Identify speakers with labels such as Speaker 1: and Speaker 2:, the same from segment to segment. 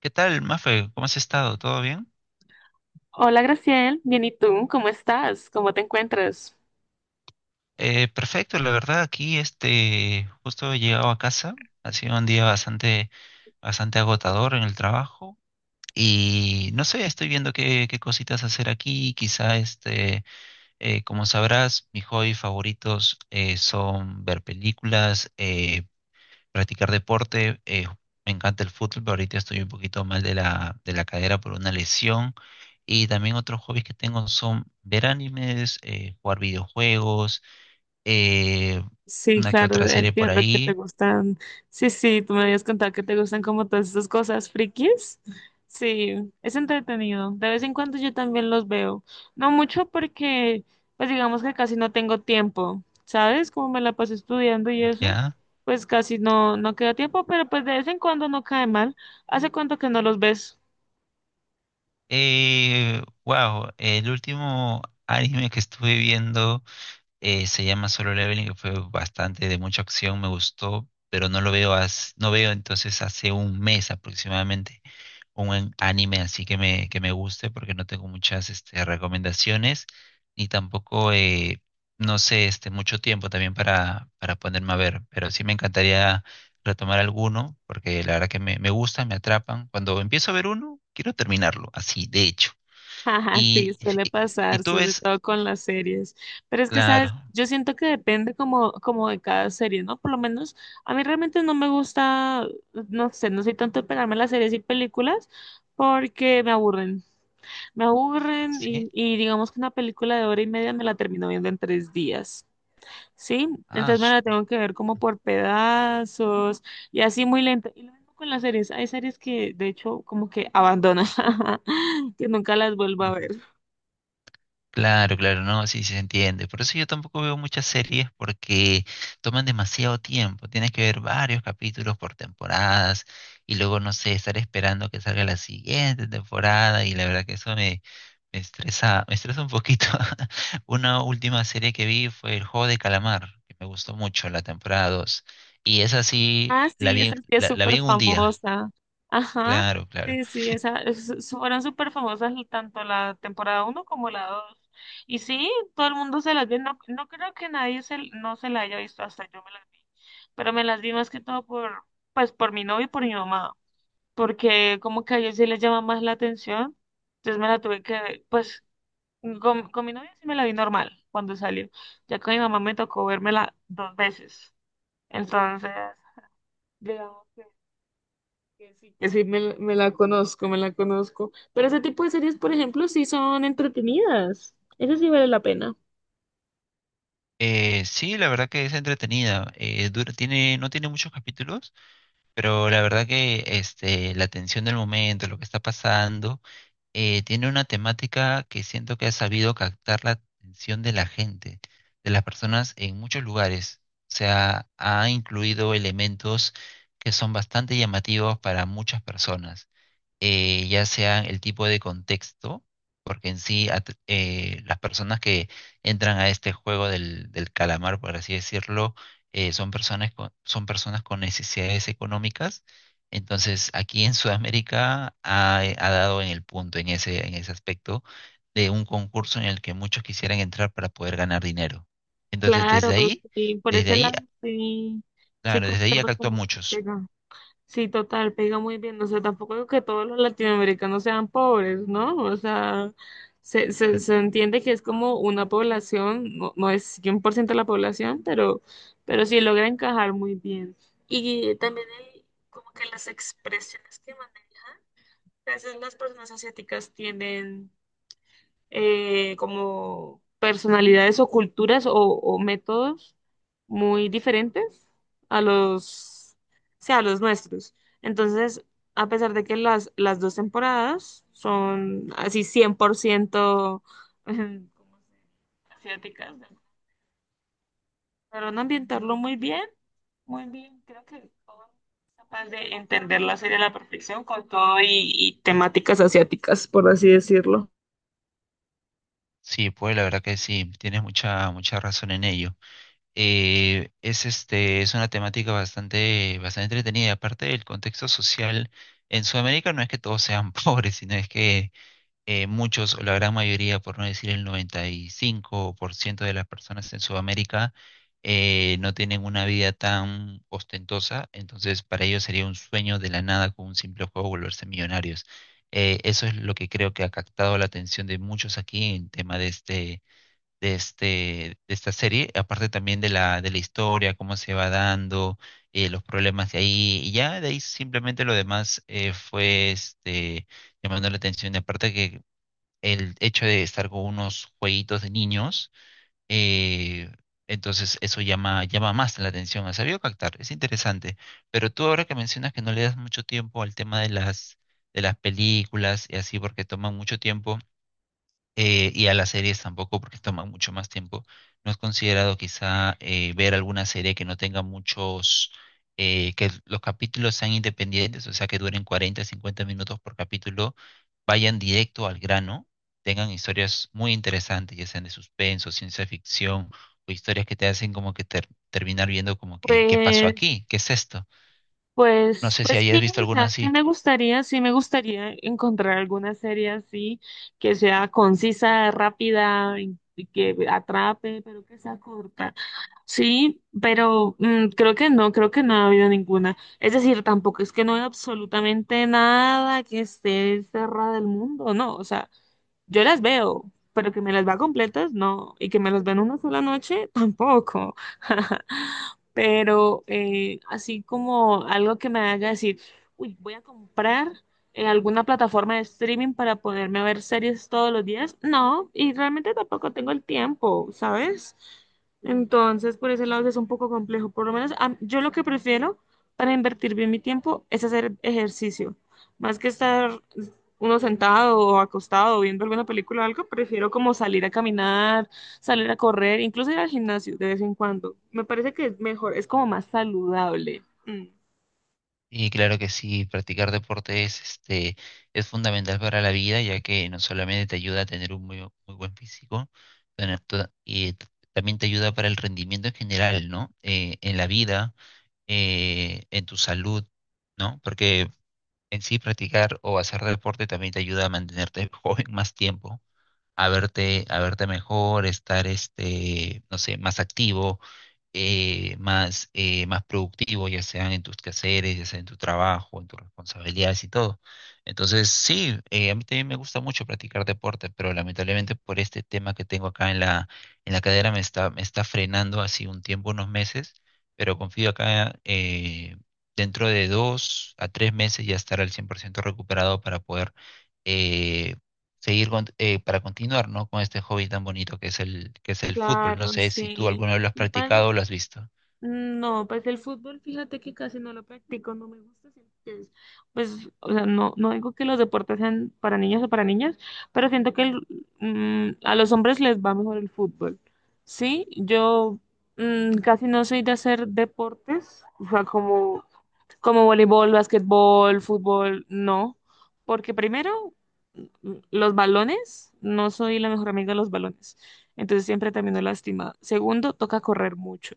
Speaker 1: ¿Qué tal, Mafe? ¿Cómo has estado? ¿Todo bien?
Speaker 2: Hola, Graciel. Bien, ¿y tú? ¿Cómo estás? ¿Cómo te encuentras?
Speaker 1: Perfecto, la verdad aquí justo he llegado a casa. Ha sido un día bastante agotador en el trabajo y no sé, estoy viendo qué cositas hacer aquí, quizá como sabrás, mis hobbies favoritos son ver películas, practicar deporte. Me encanta el fútbol, pero ahorita estoy un poquito mal de de la cadera por una lesión. Y también otros hobbies que tengo son ver animes, jugar videojuegos, eh,
Speaker 2: Sí,
Speaker 1: una que
Speaker 2: claro,
Speaker 1: otra serie por
Speaker 2: entiendo que te
Speaker 1: ahí,
Speaker 2: gustan. Sí, sí, tú me habías contado que te gustan como todas esas cosas frikis. Sí, es entretenido. De vez en cuando yo también los veo. No mucho porque, pues digamos que casi no tengo tiempo, ¿sabes? Como me la paso estudiando y eso,
Speaker 1: ¿ya?
Speaker 2: pues casi no, no queda tiempo, pero pues de vez en cuando no cae mal. ¿Hace cuánto que no los ves?
Speaker 1: Wow, el último anime que estuve viendo se llama Solo Leveling, que fue bastante de mucha acción, me gustó, pero no veo entonces hace un mes aproximadamente un buen anime así que que me guste, porque no tengo muchas recomendaciones, ni tampoco, no sé, mucho tiempo también para ponerme a ver, pero sí me encantaría retomar alguno, porque la verdad que me gustan, me atrapan. Cuando empiezo a ver uno, quiero terminarlo, así, de hecho.
Speaker 2: Ajá, sí,
Speaker 1: Y,
Speaker 2: suele
Speaker 1: y,
Speaker 2: pasar,
Speaker 1: tú
Speaker 2: sobre
Speaker 1: ves,
Speaker 2: todo con las series. Pero es que, ¿sabes?
Speaker 1: claro,
Speaker 2: Yo siento que depende como, como de cada serie, ¿no? Por lo menos a mí realmente no me gusta, no sé, no soy tanto de pegarme las series y películas porque me aburren. Me aburren
Speaker 1: así.
Speaker 2: y digamos que una película de hora y media me la termino viendo en tres días, ¿sí?
Speaker 1: Ah,
Speaker 2: Entonces me la tengo que ver como por pedazos y así muy lenta. Y lo mismo con las series. Hay series que de hecho como que abandono, que nunca las vuelvo a
Speaker 1: ujú.
Speaker 2: ver.
Speaker 1: Claro, claro, no, sí, sí se entiende. Por eso yo tampoco veo muchas series porque toman demasiado tiempo. Tienes que ver varios capítulos por temporadas y luego, no sé, estar esperando que salga la siguiente temporada y la verdad que eso me estresa un poquito. Una última serie que vi fue El Juego de Calamar, que me gustó mucho, la temporada dos. Y esa sí,
Speaker 2: Ah,
Speaker 1: la
Speaker 2: sí,
Speaker 1: vi,
Speaker 2: esa sí es
Speaker 1: la vi
Speaker 2: súper
Speaker 1: en un día.
Speaker 2: famosa. Ajá,
Speaker 1: Claro, claro.
Speaker 2: sí, sí, esa, fueron súper famosas tanto la temporada uno como la dos. Y sí, todo el mundo se las vio. No, no creo que nadie se, no se la haya visto, hasta yo me las vi. Pero me las vi más que todo por, pues, por mi novio y por mi mamá. Porque como que a ellos sí les llama más la atención. Entonces me la tuve que, pues, con mi novio sí me la vi normal cuando salió. Ya con mi mamá me tocó vérmela dos veces. Entonces, digamos. Que sí, me la conozco, me la conozco. Pero ese tipo de series, por ejemplo, sí son entretenidas. Eso sí vale la pena.
Speaker 1: Sí, la verdad que es entretenida. Tiene, no tiene muchos capítulos. Pero la verdad que la tensión del momento, lo que está pasando, tiene una temática que siento que ha sabido captar la atención de la gente, de las personas en muchos lugares. O sea, ha incluido elementos que son bastante llamativos para muchas personas, ya sea el tipo de contexto, porque en sí las personas que entran a este juego del calamar, por así decirlo, son son personas con necesidades económicas. Entonces, aquí en Sudamérica ha dado en el punto, en en ese aspecto, de un concurso en el que muchos quisieran entrar para poder ganar dinero. Entonces,
Speaker 2: Claro, sí, por
Speaker 1: desde
Speaker 2: ese
Speaker 1: ahí,
Speaker 2: lado, sí, sí
Speaker 1: claro, desde ahí
Speaker 2: concuerdo
Speaker 1: actúan
Speaker 2: como que
Speaker 1: muchos.
Speaker 2: pega. Sí, total, pega muy bien. O sea, tampoco digo que todos los latinoamericanos sean pobres, ¿no? O sea, se entiende que es como una población, no, no es 100% la población, pero sí logra encajar muy bien. Y también el- como que las expresiones que a veces las personas asiáticas tienen, como personalidades o culturas o métodos muy diferentes a los, o sea, a los nuestros. Entonces, a pesar de que las dos temporadas son así 100% ¿cómo se dice? Asiáticas, lograron ambientarlo muy bien, muy bien. Creo que todo es capaz de entender la serie a la perfección con todo y temáticas asiáticas, por así decirlo.
Speaker 1: Sí, pues la verdad que sí, tienes mucha razón en ello. Eh, es una temática bastante entretenida. Y aparte, el contexto social en Sudamérica no es que todos sean pobres, sino es que muchos, o la gran mayoría, por no decir el 95% de las personas en Sudamérica, no tienen una vida tan ostentosa. Entonces, para ellos sería un sueño de la nada con un simple juego volverse millonarios. Eso es lo que creo que ha captado la atención de muchos aquí en tema de de este, de esta serie, aparte también de de la historia, cómo se va dando, los problemas de ahí, y ya de ahí simplemente lo demás fue llamando la atención, y aparte que el hecho de estar con unos jueguitos de niños, eh, entonces eso llama, llama más la atención, ha sabido captar, es interesante, pero tú ahora que mencionas que no le das mucho tiempo al tema de de las películas y así, porque toman mucho tiempo, y a las series tampoco porque toman mucho más tiempo. ¿No has considerado quizá ver alguna serie que no tenga muchos, que los capítulos sean independientes, o sea, que duren 40 50 minutos por capítulo, vayan directo al grano, tengan historias muy interesantes, ya sean de suspenso, ciencia ficción o historias que te hacen como que terminar viendo como que, ¿qué pasó
Speaker 2: Pues,
Speaker 1: aquí? ¿Qué es esto? No
Speaker 2: pues,
Speaker 1: sé si
Speaker 2: pues
Speaker 1: hayas
Speaker 2: sí,
Speaker 1: visto
Speaker 2: o
Speaker 1: alguna
Speaker 2: sea,
Speaker 1: así.
Speaker 2: sí me gustaría encontrar alguna serie así, que sea concisa, rápida, y que atrape, pero que sea corta. Sí, pero creo que no ha habido ninguna. Es decir, tampoco es que no hay absolutamente nada que esté cerrada del mundo, no, o sea, yo las veo, pero que me las va completas, no. Y que me las ven una sola noche, tampoco. Pero así como algo que me haga decir, uy, voy a comprar alguna plataforma de streaming para poderme ver series todos los días, no. Y realmente tampoco tengo el tiempo, ¿sabes? Entonces, por ese lado sí es un poco complejo. Por lo menos yo lo que prefiero para invertir bien mi tiempo es hacer ejercicio, más que estar uno sentado o acostado viendo alguna película o algo, prefiero como salir a caminar, salir a correr, incluso ir al gimnasio de vez en cuando. Me parece que es mejor, es como más saludable. Mm,
Speaker 1: Y claro que sí, practicar deporte es fundamental para la vida, ya que no solamente te ayuda a tener un muy buen físico, tener toda- y t- también te ayuda para el rendimiento en general, ¿no? En la vida, en tu salud, ¿no? Porque en sí practicar o hacer deporte también te ayuda a mantenerte joven más tiempo, a verte mejor, estar, no sé, más activo, más productivo, ya sean en tus quehaceres, ya sea en tu trabajo, en tus responsabilidades y todo. Entonces, sí, a mí también me gusta mucho practicar deporte, pero lamentablemente por este tema que tengo acá en en la cadera me está frenando así un tiempo, unos meses, pero confío acá dentro de dos a tres meses ya estar al 100% recuperado para poder... eh, para continuar, ¿no? Con este hobby tan bonito que es que es el fútbol. No
Speaker 2: claro,
Speaker 1: sé si tú
Speaker 2: sí.
Speaker 1: alguna vez lo has practicado o
Speaker 2: Igual
Speaker 1: lo has visto.
Speaker 2: no, pues el fútbol, fíjate que casi no lo practico, no me gusta. Siento que pues, o sea, no, no digo que los deportes sean para niños o para niñas, pero siento que a los hombres les va mejor el fútbol. Sí, yo casi no soy de hacer deportes, o sea, como, como voleibol, basquetbol, fútbol, no, porque primero, los balones, no soy la mejor amiga de los balones, entonces siempre termino lastimada. Segundo, toca correr mucho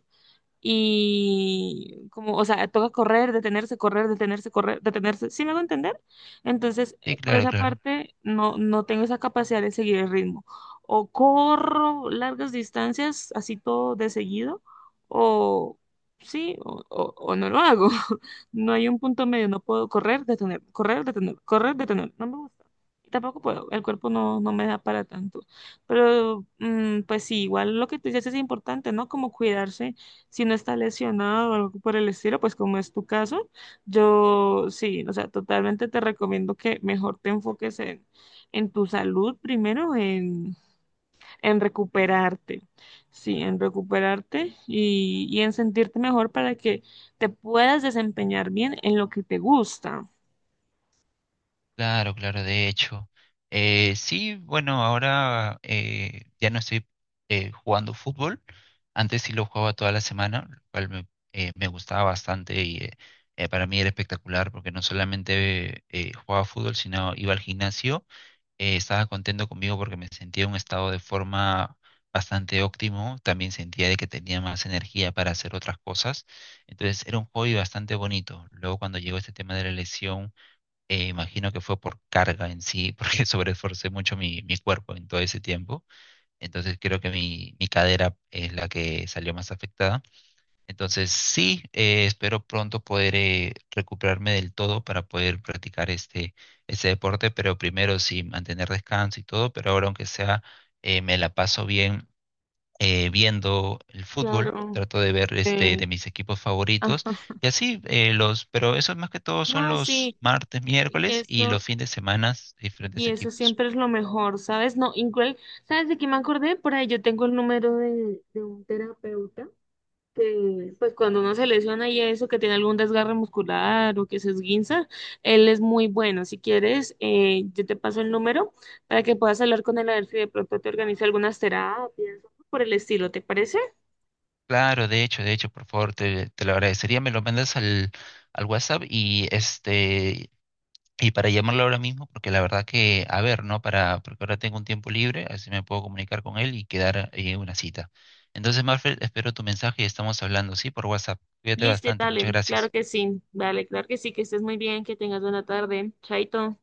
Speaker 2: y como, o sea, toca correr, detenerse, correr, detenerse, correr, detenerse. ¿Sí me hago entender? Entonces,
Speaker 1: Sí,
Speaker 2: por
Speaker 1: claro,
Speaker 2: esa
Speaker 1: claro.
Speaker 2: parte, no, no tengo esa capacidad de seguir el ritmo. O corro largas distancias, así todo de seguido, o sí, o no lo hago. No hay un punto medio, no puedo correr, detener, correr, detener, correr, detener. No me gusta. Y tampoco puedo, el cuerpo no, no me da para tanto. Pero, pues sí, igual lo que tú dices es importante, ¿no? Como cuidarse si no está lesionado o algo por el estilo, pues como es tu caso, yo sí, o sea, totalmente te recomiendo que mejor te enfoques en tu salud primero, en recuperarte, sí, en recuperarte y en sentirte mejor para que te puedas desempeñar bien en lo que te gusta.
Speaker 1: Claro, claro, de hecho. Sí, bueno, ahora ya no estoy jugando fútbol. Antes sí lo jugaba toda la semana, lo cual me gustaba bastante para mí era espectacular porque no solamente jugaba fútbol, sino iba al gimnasio. Estaba contento conmigo porque me sentía en un estado de forma bastante óptimo. También sentía de que tenía más energía para hacer otras cosas. Entonces era un hobby bastante bonito. Luego cuando llegó este tema de la lesión, imagino que fue por carga en sí, porque sobreesforcé mucho mi cuerpo en todo ese tiempo. Entonces creo que mi cadera es la que salió más afectada. Entonces sí, espero pronto poder recuperarme del todo para poder practicar este deporte, pero primero sí mantener descanso y todo, pero ahora aunque sea, me la paso bien viendo el fútbol,
Speaker 2: Claro.
Speaker 1: trato de ver
Speaker 2: eh,
Speaker 1: de mis equipos favoritos
Speaker 2: Ajá.
Speaker 1: y así pero eso más que todo son
Speaker 2: No,
Speaker 1: los
Speaker 2: sí,
Speaker 1: martes, miércoles y los
Speaker 2: eso.
Speaker 1: fines de semana diferentes
Speaker 2: Y eso
Speaker 1: equipos.
Speaker 2: siempre es lo mejor, ¿sabes? No, igual, ¿sabes de qué me acordé? Por ahí yo tengo el número de un terapeuta que, pues cuando uno se lesiona y eso, que tiene algún desgarre muscular o que se esguinza, él es muy bueno. Si quieres, yo te paso el número para que puedas hablar con él a ver si de pronto te organiza algunas terapias o por el estilo, ¿te parece?
Speaker 1: Claro, de hecho, por favor, te lo agradecería, me lo mandas al WhatsApp y y para llamarlo ahora mismo porque la verdad que a ver, ¿no? Para porque ahora tengo un tiempo libre, así me puedo comunicar con él y quedar en una cita. Entonces, Marfel, espero tu mensaje y estamos hablando, sí, por WhatsApp. Cuídate
Speaker 2: Listo,
Speaker 1: bastante, muchas
Speaker 2: dale, claro
Speaker 1: gracias.
Speaker 2: que sí, dale, claro que sí, que estés muy bien, que tengas buena tarde, chaito.